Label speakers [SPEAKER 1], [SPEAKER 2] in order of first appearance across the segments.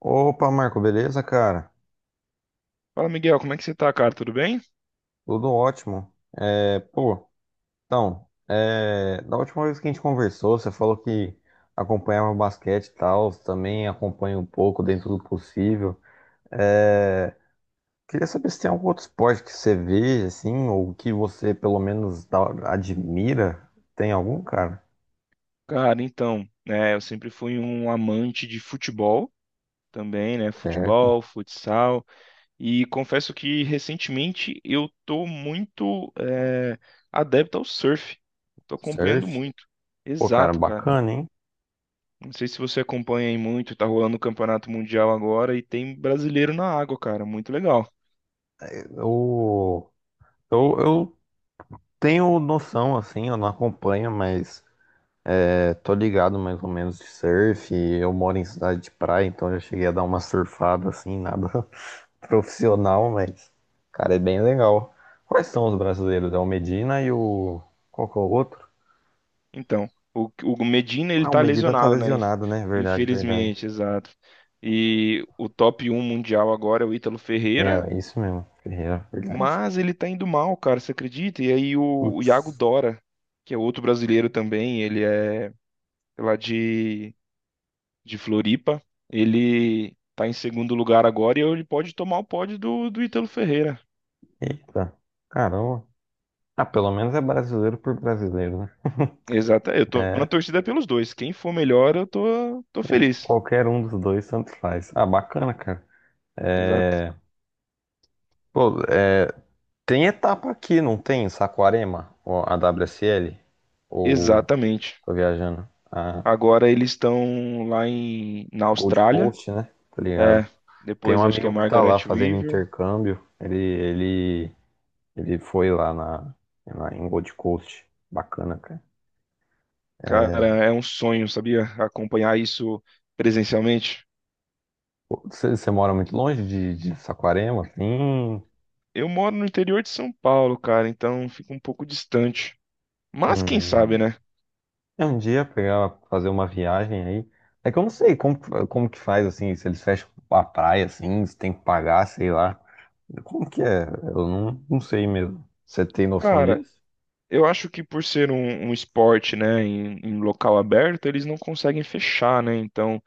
[SPEAKER 1] Opa, Marco, beleza, cara?
[SPEAKER 2] Fala, Miguel, como é que você tá, cara? Tudo bem?
[SPEAKER 1] Tudo ótimo. É, pô, da última vez que a gente conversou, você falou que acompanhava o basquete e tal, também acompanha um pouco dentro do possível. É, queria saber se tem algum outro esporte que você vê, assim, ou que você pelo menos admira. Tem algum, cara?
[SPEAKER 2] Cara, então, né, eu sempre fui um amante de futebol também, né?
[SPEAKER 1] Certo.
[SPEAKER 2] Futebol, futsal, e confesso que recentemente eu tô muito adepto ao surf. Tô acompanhando
[SPEAKER 1] Surf.
[SPEAKER 2] muito.
[SPEAKER 1] Pô, cara,
[SPEAKER 2] Exato, cara.
[SPEAKER 1] bacana, hein?
[SPEAKER 2] Não sei se você acompanha aí muito, tá rolando o Campeonato Mundial agora e tem brasileiro na água, cara. Muito legal.
[SPEAKER 1] Eu, eu tenho noção, assim, eu não acompanho, mas. É, tô ligado mais ou menos de surf. Eu moro em cidade de praia, então já cheguei a dar uma surfada assim, nada profissional, mas, cara, é bem legal. Quais são os brasileiros? É o Medina e o. Qual que é o outro?
[SPEAKER 2] Então, o Medina ele
[SPEAKER 1] Ah, o
[SPEAKER 2] tá
[SPEAKER 1] Medina tá
[SPEAKER 2] lesionado, né?
[SPEAKER 1] lesionado, né? Verdade, verdade.
[SPEAKER 2] Infelizmente, exato. E o top um mundial agora é o Ítalo Ferreira,
[SPEAKER 1] É, isso mesmo, Ferreira, verdade.
[SPEAKER 2] mas ele tá indo mal, cara, você acredita? E aí o Iago
[SPEAKER 1] Putz,
[SPEAKER 2] Dora, que é outro brasileiro também, ele é lá de Floripa, ele tá em segundo lugar agora e ele pode tomar o pódio do Ítalo Ferreira.
[SPEAKER 1] eita, caramba. Ah, pelo menos é brasileiro por brasileiro, né?
[SPEAKER 2] Exato, eu tô na
[SPEAKER 1] É,
[SPEAKER 2] torcida pelos dois. Quem for melhor, eu tô feliz.
[SPEAKER 1] qualquer um dos dois, tanto faz. Ah, bacana, cara.
[SPEAKER 2] Exato.
[SPEAKER 1] Pô, tem etapa aqui, não tem? Em Saquarema, ou a WSL, ou
[SPEAKER 2] Exatamente.
[SPEAKER 1] tô viajando, a
[SPEAKER 2] Agora eles estão lá na
[SPEAKER 1] Gold
[SPEAKER 2] Austrália.
[SPEAKER 1] Coast, né? Tá ligado?
[SPEAKER 2] É,
[SPEAKER 1] Tem um
[SPEAKER 2] depois acho que é
[SPEAKER 1] amigo que tá
[SPEAKER 2] Margaret
[SPEAKER 1] lá fazendo
[SPEAKER 2] River.
[SPEAKER 1] intercâmbio, ele, ele foi lá em Gold Coast. Bacana, cara.
[SPEAKER 2] Cara, é um sonho, sabia? Acompanhar isso presencialmente.
[SPEAKER 1] Pô, você mora muito longe de Saquarema, assim?
[SPEAKER 2] Eu moro no interior de São Paulo, cara, então fica um pouco distante. Mas quem sabe,
[SPEAKER 1] Hum.
[SPEAKER 2] né?
[SPEAKER 1] É um dia pegar, fazer uma viagem aí. É que eu não sei como, como que faz, assim, se eles fecham a praia, assim, se tem que pagar, sei lá. Como que é? Eu não, não sei mesmo. Você tem noção
[SPEAKER 2] Cara,
[SPEAKER 1] disso?
[SPEAKER 2] eu acho que por ser um esporte, né, em local aberto, eles não conseguem fechar, né? Então,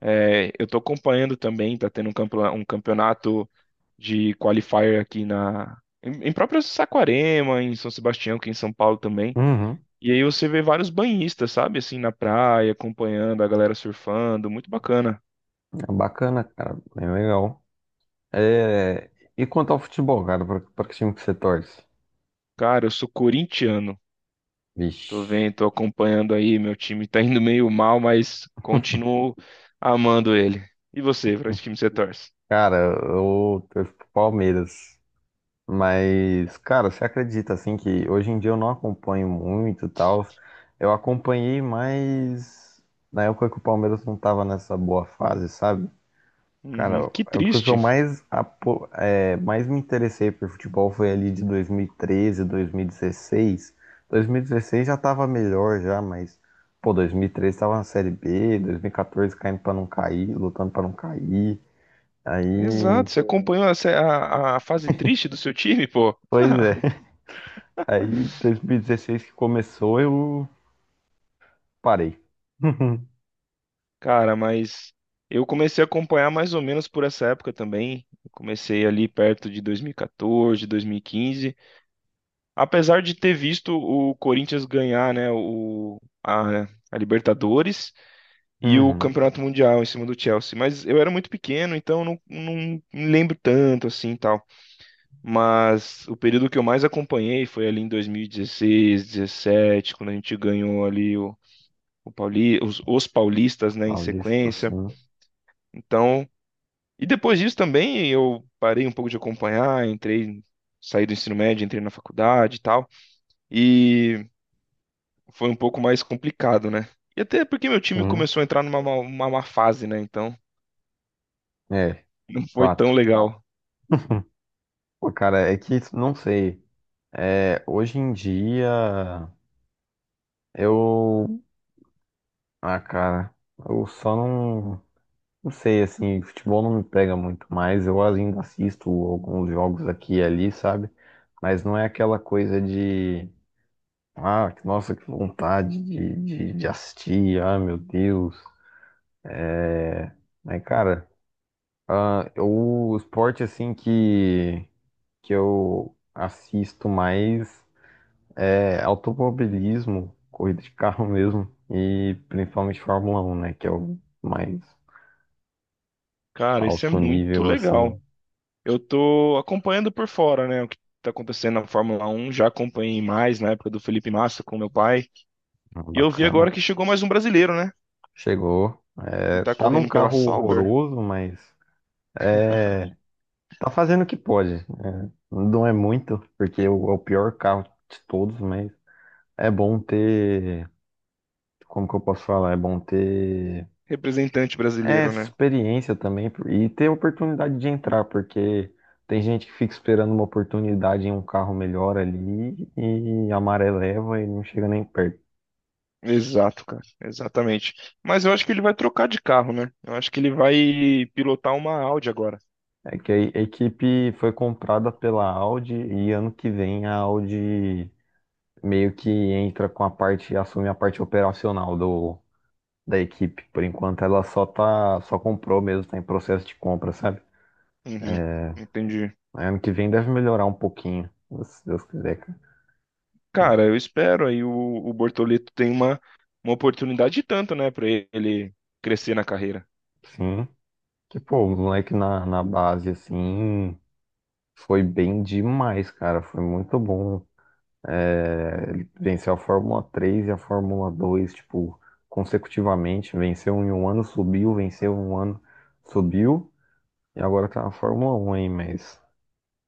[SPEAKER 2] é, eu estou acompanhando também, está tendo um campeonato de qualifier aqui em próprio Saquarema, em São Sebastião, aqui em São Paulo também.
[SPEAKER 1] Uhum.
[SPEAKER 2] E aí você vê vários banhistas, sabe, assim na praia, acompanhando a galera surfando, muito bacana.
[SPEAKER 1] É bacana, cara. Bem legal. É... E quanto ao futebol, cara? Pra que time que você torce?
[SPEAKER 2] Cara, eu sou corintiano. Tô
[SPEAKER 1] Vixe.
[SPEAKER 2] vendo, tô acompanhando aí, meu time tá indo meio mal, mas continuo amando ele. E você, para que time você torce?
[SPEAKER 1] Cara, eu torço pro Palmeiras. Mas, cara, você acredita, assim, que hoje em dia eu não acompanho muito e tal. Eu acompanhei mais na época que o Palmeiras não tava nessa boa fase, sabe?
[SPEAKER 2] Uhum,
[SPEAKER 1] Cara,
[SPEAKER 2] que
[SPEAKER 1] a época que eu
[SPEAKER 2] triste.
[SPEAKER 1] mais, mais me interessei por futebol foi ali de 2013, 2016. 2016 já tava melhor já, mas, pô, 2013 tava na Série B, 2014 caindo pra não cair, lutando pra não cair. Aí,
[SPEAKER 2] Exato, você acompanhou a, a fase triste do seu time, pô.
[SPEAKER 1] pois é, aí 2016 que começou eu parei.
[SPEAKER 2] Cara, mas eu comecei a acompanhar mais ou menos por essa época também. Eu comecei ali perto de dois mil e quatorze, 2015. Apesar de ter visto o Corinthians ganhar, né, a Libertadores e o
[SPEAKER 1] Uhum.
[SPEAKER 2] Campeonato Mundial em cima do Chelsea. Mas eu era muito pequeno, então não, não me lembro tanto assim e tal. Mas o período que eu mais acompanhei foi ali em 2016, 2017, quando a gente ganhou ali os paulistas, né, em
[SPEAKER 1] Paulista,
[SPEAKER 2] sequência.
[SPEAKER 1] sim.
[SPEAKER 2] Então. E depois disso também eu parei um pouco de acompanhar, entrei, saí do ensino médio, entrei na faculdade e tal. E foi um pouco mais complicado, né? E até porque meu time
[SPEAKER 1] Uhum.
[SPEAKER 2] começou a entrar uma má fase, né? Então
[SPEAKER 1] É,
[SPEAKER 2] não foi tão
[SPEAKER 1] fato.
[SPEAKER 2] legal.
[SPEAKER 1] Pô, cara, é que não sei. É, hoje em dia. Eu. Ah, cara. Eu só não. Não sei, assim, futebol não me pega muito mais. Eu ainda assisto alguns jogos aqui e ali, sabe? Mas não é aquela coisa de. Ah, nossa, que vontade de assistir. Ah, meu Deus. Mas, cara, ah, eu- o esporte, assim, que eu assisto mais é automobilismo, corrida de carro mesmo. E principalmente Fórmula 1, né? Que é o mais
[SPEAKER 2] Cara, isso é
[SPEAKER 1] alto
[SPEAKER 2] muito
[SPEAKER 1] nível, assim,
[SPEAKER 2] legal. Eu tô acompanhando por fora, né? O que tá acontecendo na Fórmula 1. Já acompanhei mais na época do Felipe Massa com meu pai. E eu vi
[SPEAKER 1] bacana.
[SPEAKER 2] agora que chegou mais um brasileiro, né?
[SPEAKER 1] Chegou.
[SPEAKER 2] E
[SPEAKER 1] É,
[SPEAKER 2] tá
[SPEAKER 1] tá num
[SPEAKER 2] correndo pela
[SPEAKER 1] carro
[SPEAKER 2] Sauber,
[SPEAKER 1] horroroso, mas tá fazendo o que pode. É, não é muito, porque é o pior carro de todos, mas é bom ter. Como que eu posso falar? É bom ter.
[SPEAKER 2] representante
[SPEAKER 1] É,
[SPEAKER 2] brasileiro, né?
[SPEAKER 1] experiência também e ter oportunidade de entrar, porque tem gente que fica esperando uma oportunidade em um carro melhor ali e a maré leva e não chega nem perto.
[SPEAKER 2] Exato, cara. Exatamente. Mas eu acho que ele vai trocar de carro, né? Eu acho que ele vai pilotar uma Audi agora.
[SPEAKER 1] É que a equipe foi comprada pela Audi e ano que vem a Audi meio que entra com a parte, assume a parte operacional da equipe. Por enquanto ela só tá, só comprou mesmo, tá em processo de compra, sabe?
[SPEAKER 2] Uhum. Entendi.
[SPEAKER 1] Aí ano que vem deve melhorar um pouquinho, se Deus quiser, cara.
[SPEAKER 2] Cara, eu espero aí o Bortoleto tem uma oportunidade e tanto, né, pra ele crescer na carreira.
[SPEAKER 1] Sim. Que pô, o moleque na base, assim, foi bem demais, cara. Foi muito bom. É, ele venceu a Fórmula 3 e a Fórmula 2, tipo, consecutivamente. Venceu em um ano, subiu, venceu em um ano, subiu. E agora tá na Fórmula 1 aí, mas.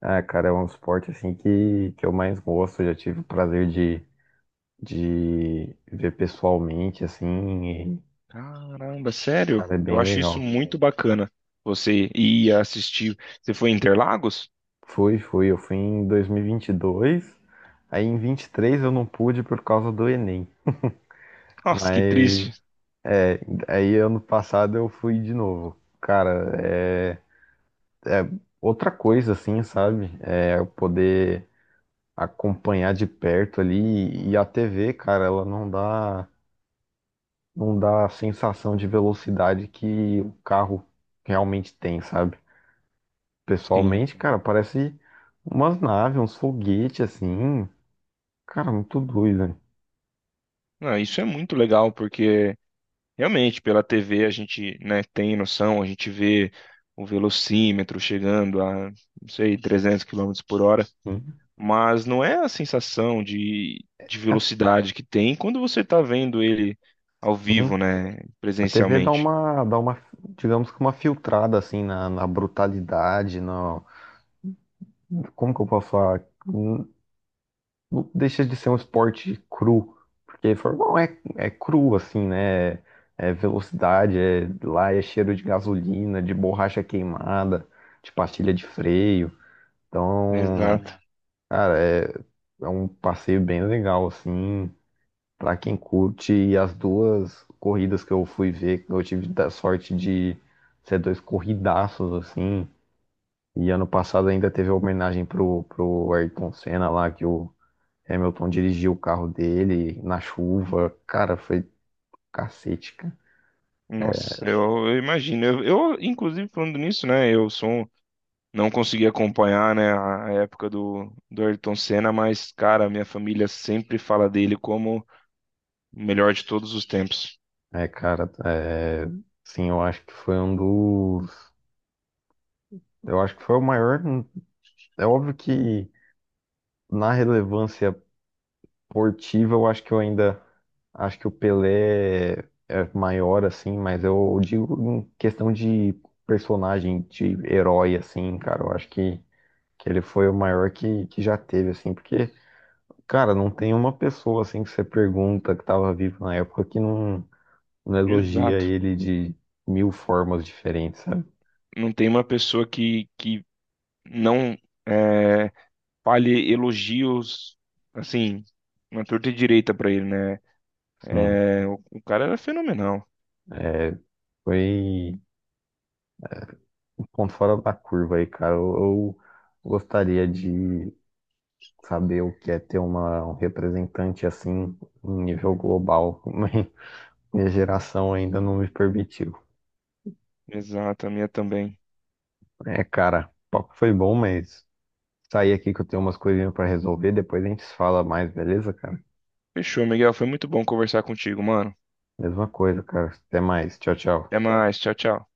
[SPEAKER 1] Ah, cara, é um esporte assim que eu mais gosto. Eu já tive o prazer de ver pessoalmente, assim, e,
[SPEAKER 2] Caramba, sério?
[SPEAKER 1] cara, é
[SPEAKER 2] Eu
[SPEAKER 1] bem
[SPEAKER 2] acho isso
[SPEAKER 1] legal.
[SPEAKER 2] muito bacana. Você ir assistir. Você foi em Interlagos?
[SPEAKER 1] Fui, fui. Eu fui em 2022, aí em 23 eu não pude por causa do Enem.
[SPEAKER 2] Nossa, que
[SPEAKER 1] Mas
[SPEAKER 2] triste.
[SPEAKER 1] é, aí ano passado eu fui de novo. Cara, é outra coisa assim, sabe? É eu poder acompanhar de perto ali e a TV, cara, ela não dá não dá a sensação de velocidade que o carro realmente tem, sabe?
[SPEAKER 2] Sim.
[SPEAKER 1] Pessoalmente, cara, parece umas naves, uns foguetes assim. Cara, muito doido, né?
[SPEAKER 2] Ah, isso é muito legal, porque realmente, pela TV a gente, né, tem noção, a gente vê o velocímetro chegando a, não sei, 300 quilômetros por hora,
[SPEAKER 1] Sim,
[SPEAKER 2] mas não é a sensação de
[SPEAKER 1] é
[SPEAKER 2] velocidade que tem quando você está vendo ele ao
[SPEAKER 1] assim.
[SPEAKER 2] vivo, né,
[SPEAKER 1] A TV dá
[SPEAKER 2] presencialmente.
[SPEAKER 1] uma digamos que uma filtrada assim na brutalidade, na. Como que eu posso falar? Não deixa de ser um esporte cru, porque formal é cru, assim, né? É velocidade, é, lá é cheiro de gasolina, de borracha queimada, de pastilha de freio. Então,
[SPEAKER 2] Exato.
[SPEAKER 1] cara, é um passeio bem legal, assim, pra quem curte. E as duas corridas que eu fui ver, eu tive da sorte de ser dois corridaços, assim. E ano passado ainda teve a homenagem pro Ayrton Senna lá, que o Hamilton dirigiu o carro dele na chuva. Cara, foi cacete, cara.
[SPEAKER 2] Nossa, eu imagino. Eu, inclusive, falando nisso, né, eu sou, não consegui acompanhar, né, a época do Ayrton Senna, mas, cara, minha família sempre fala dele como o melhor de todos os tempos.
[SPEAKER 1] É, cara, é, sim, eu acho que foi um dos. Eu acho que foi o maior. É óbvio que na relevância esportiva, eu acho que eu ainda. Acho que o Pelé é maior, assim, mas eu digo em questão de personagem, de herói, assim, cara. Eu acho que ele foi o maior que já teve, assim, porque. Cara, não tem uma pessoa assim que você pergunta que tava vivo na época que não elogia
[SPEAKER 2] Exato.
[SPEAKER 1] ele de mil formas diferentes, sabe?
[SPEAKER 2] Não tem uma pessoa que não é, fale elogios, assim, na torta e direita pra ele, né?
[SPEAKER 1] Sim,
[SPEAKER 2] É, o cara era fenomenal.
[SPEAKER 1] foi um ponto fora da curva aí, cara. Eu gostaria de saber o que é ter uma, um representante assim em nível global. Mas minha geração ainda não me permitiu.
[SPEAKER 2] Exato, a minha também.
[SPEAKER 1] É, cara, o papo foi bom, mas sair aqui que eu tenho umas coisinhas pra resolver, depois a gente se fala mais, beleza, cara?
[SPEAKER 2] Fechou, Miguel. Foi muito bom conversar contigo, mano.
[SPEAKER 1] Mesma coisa, cara. Até mais. Tchau, tchau.
[SPEAKER 2] Até mais. Tchau, tchau.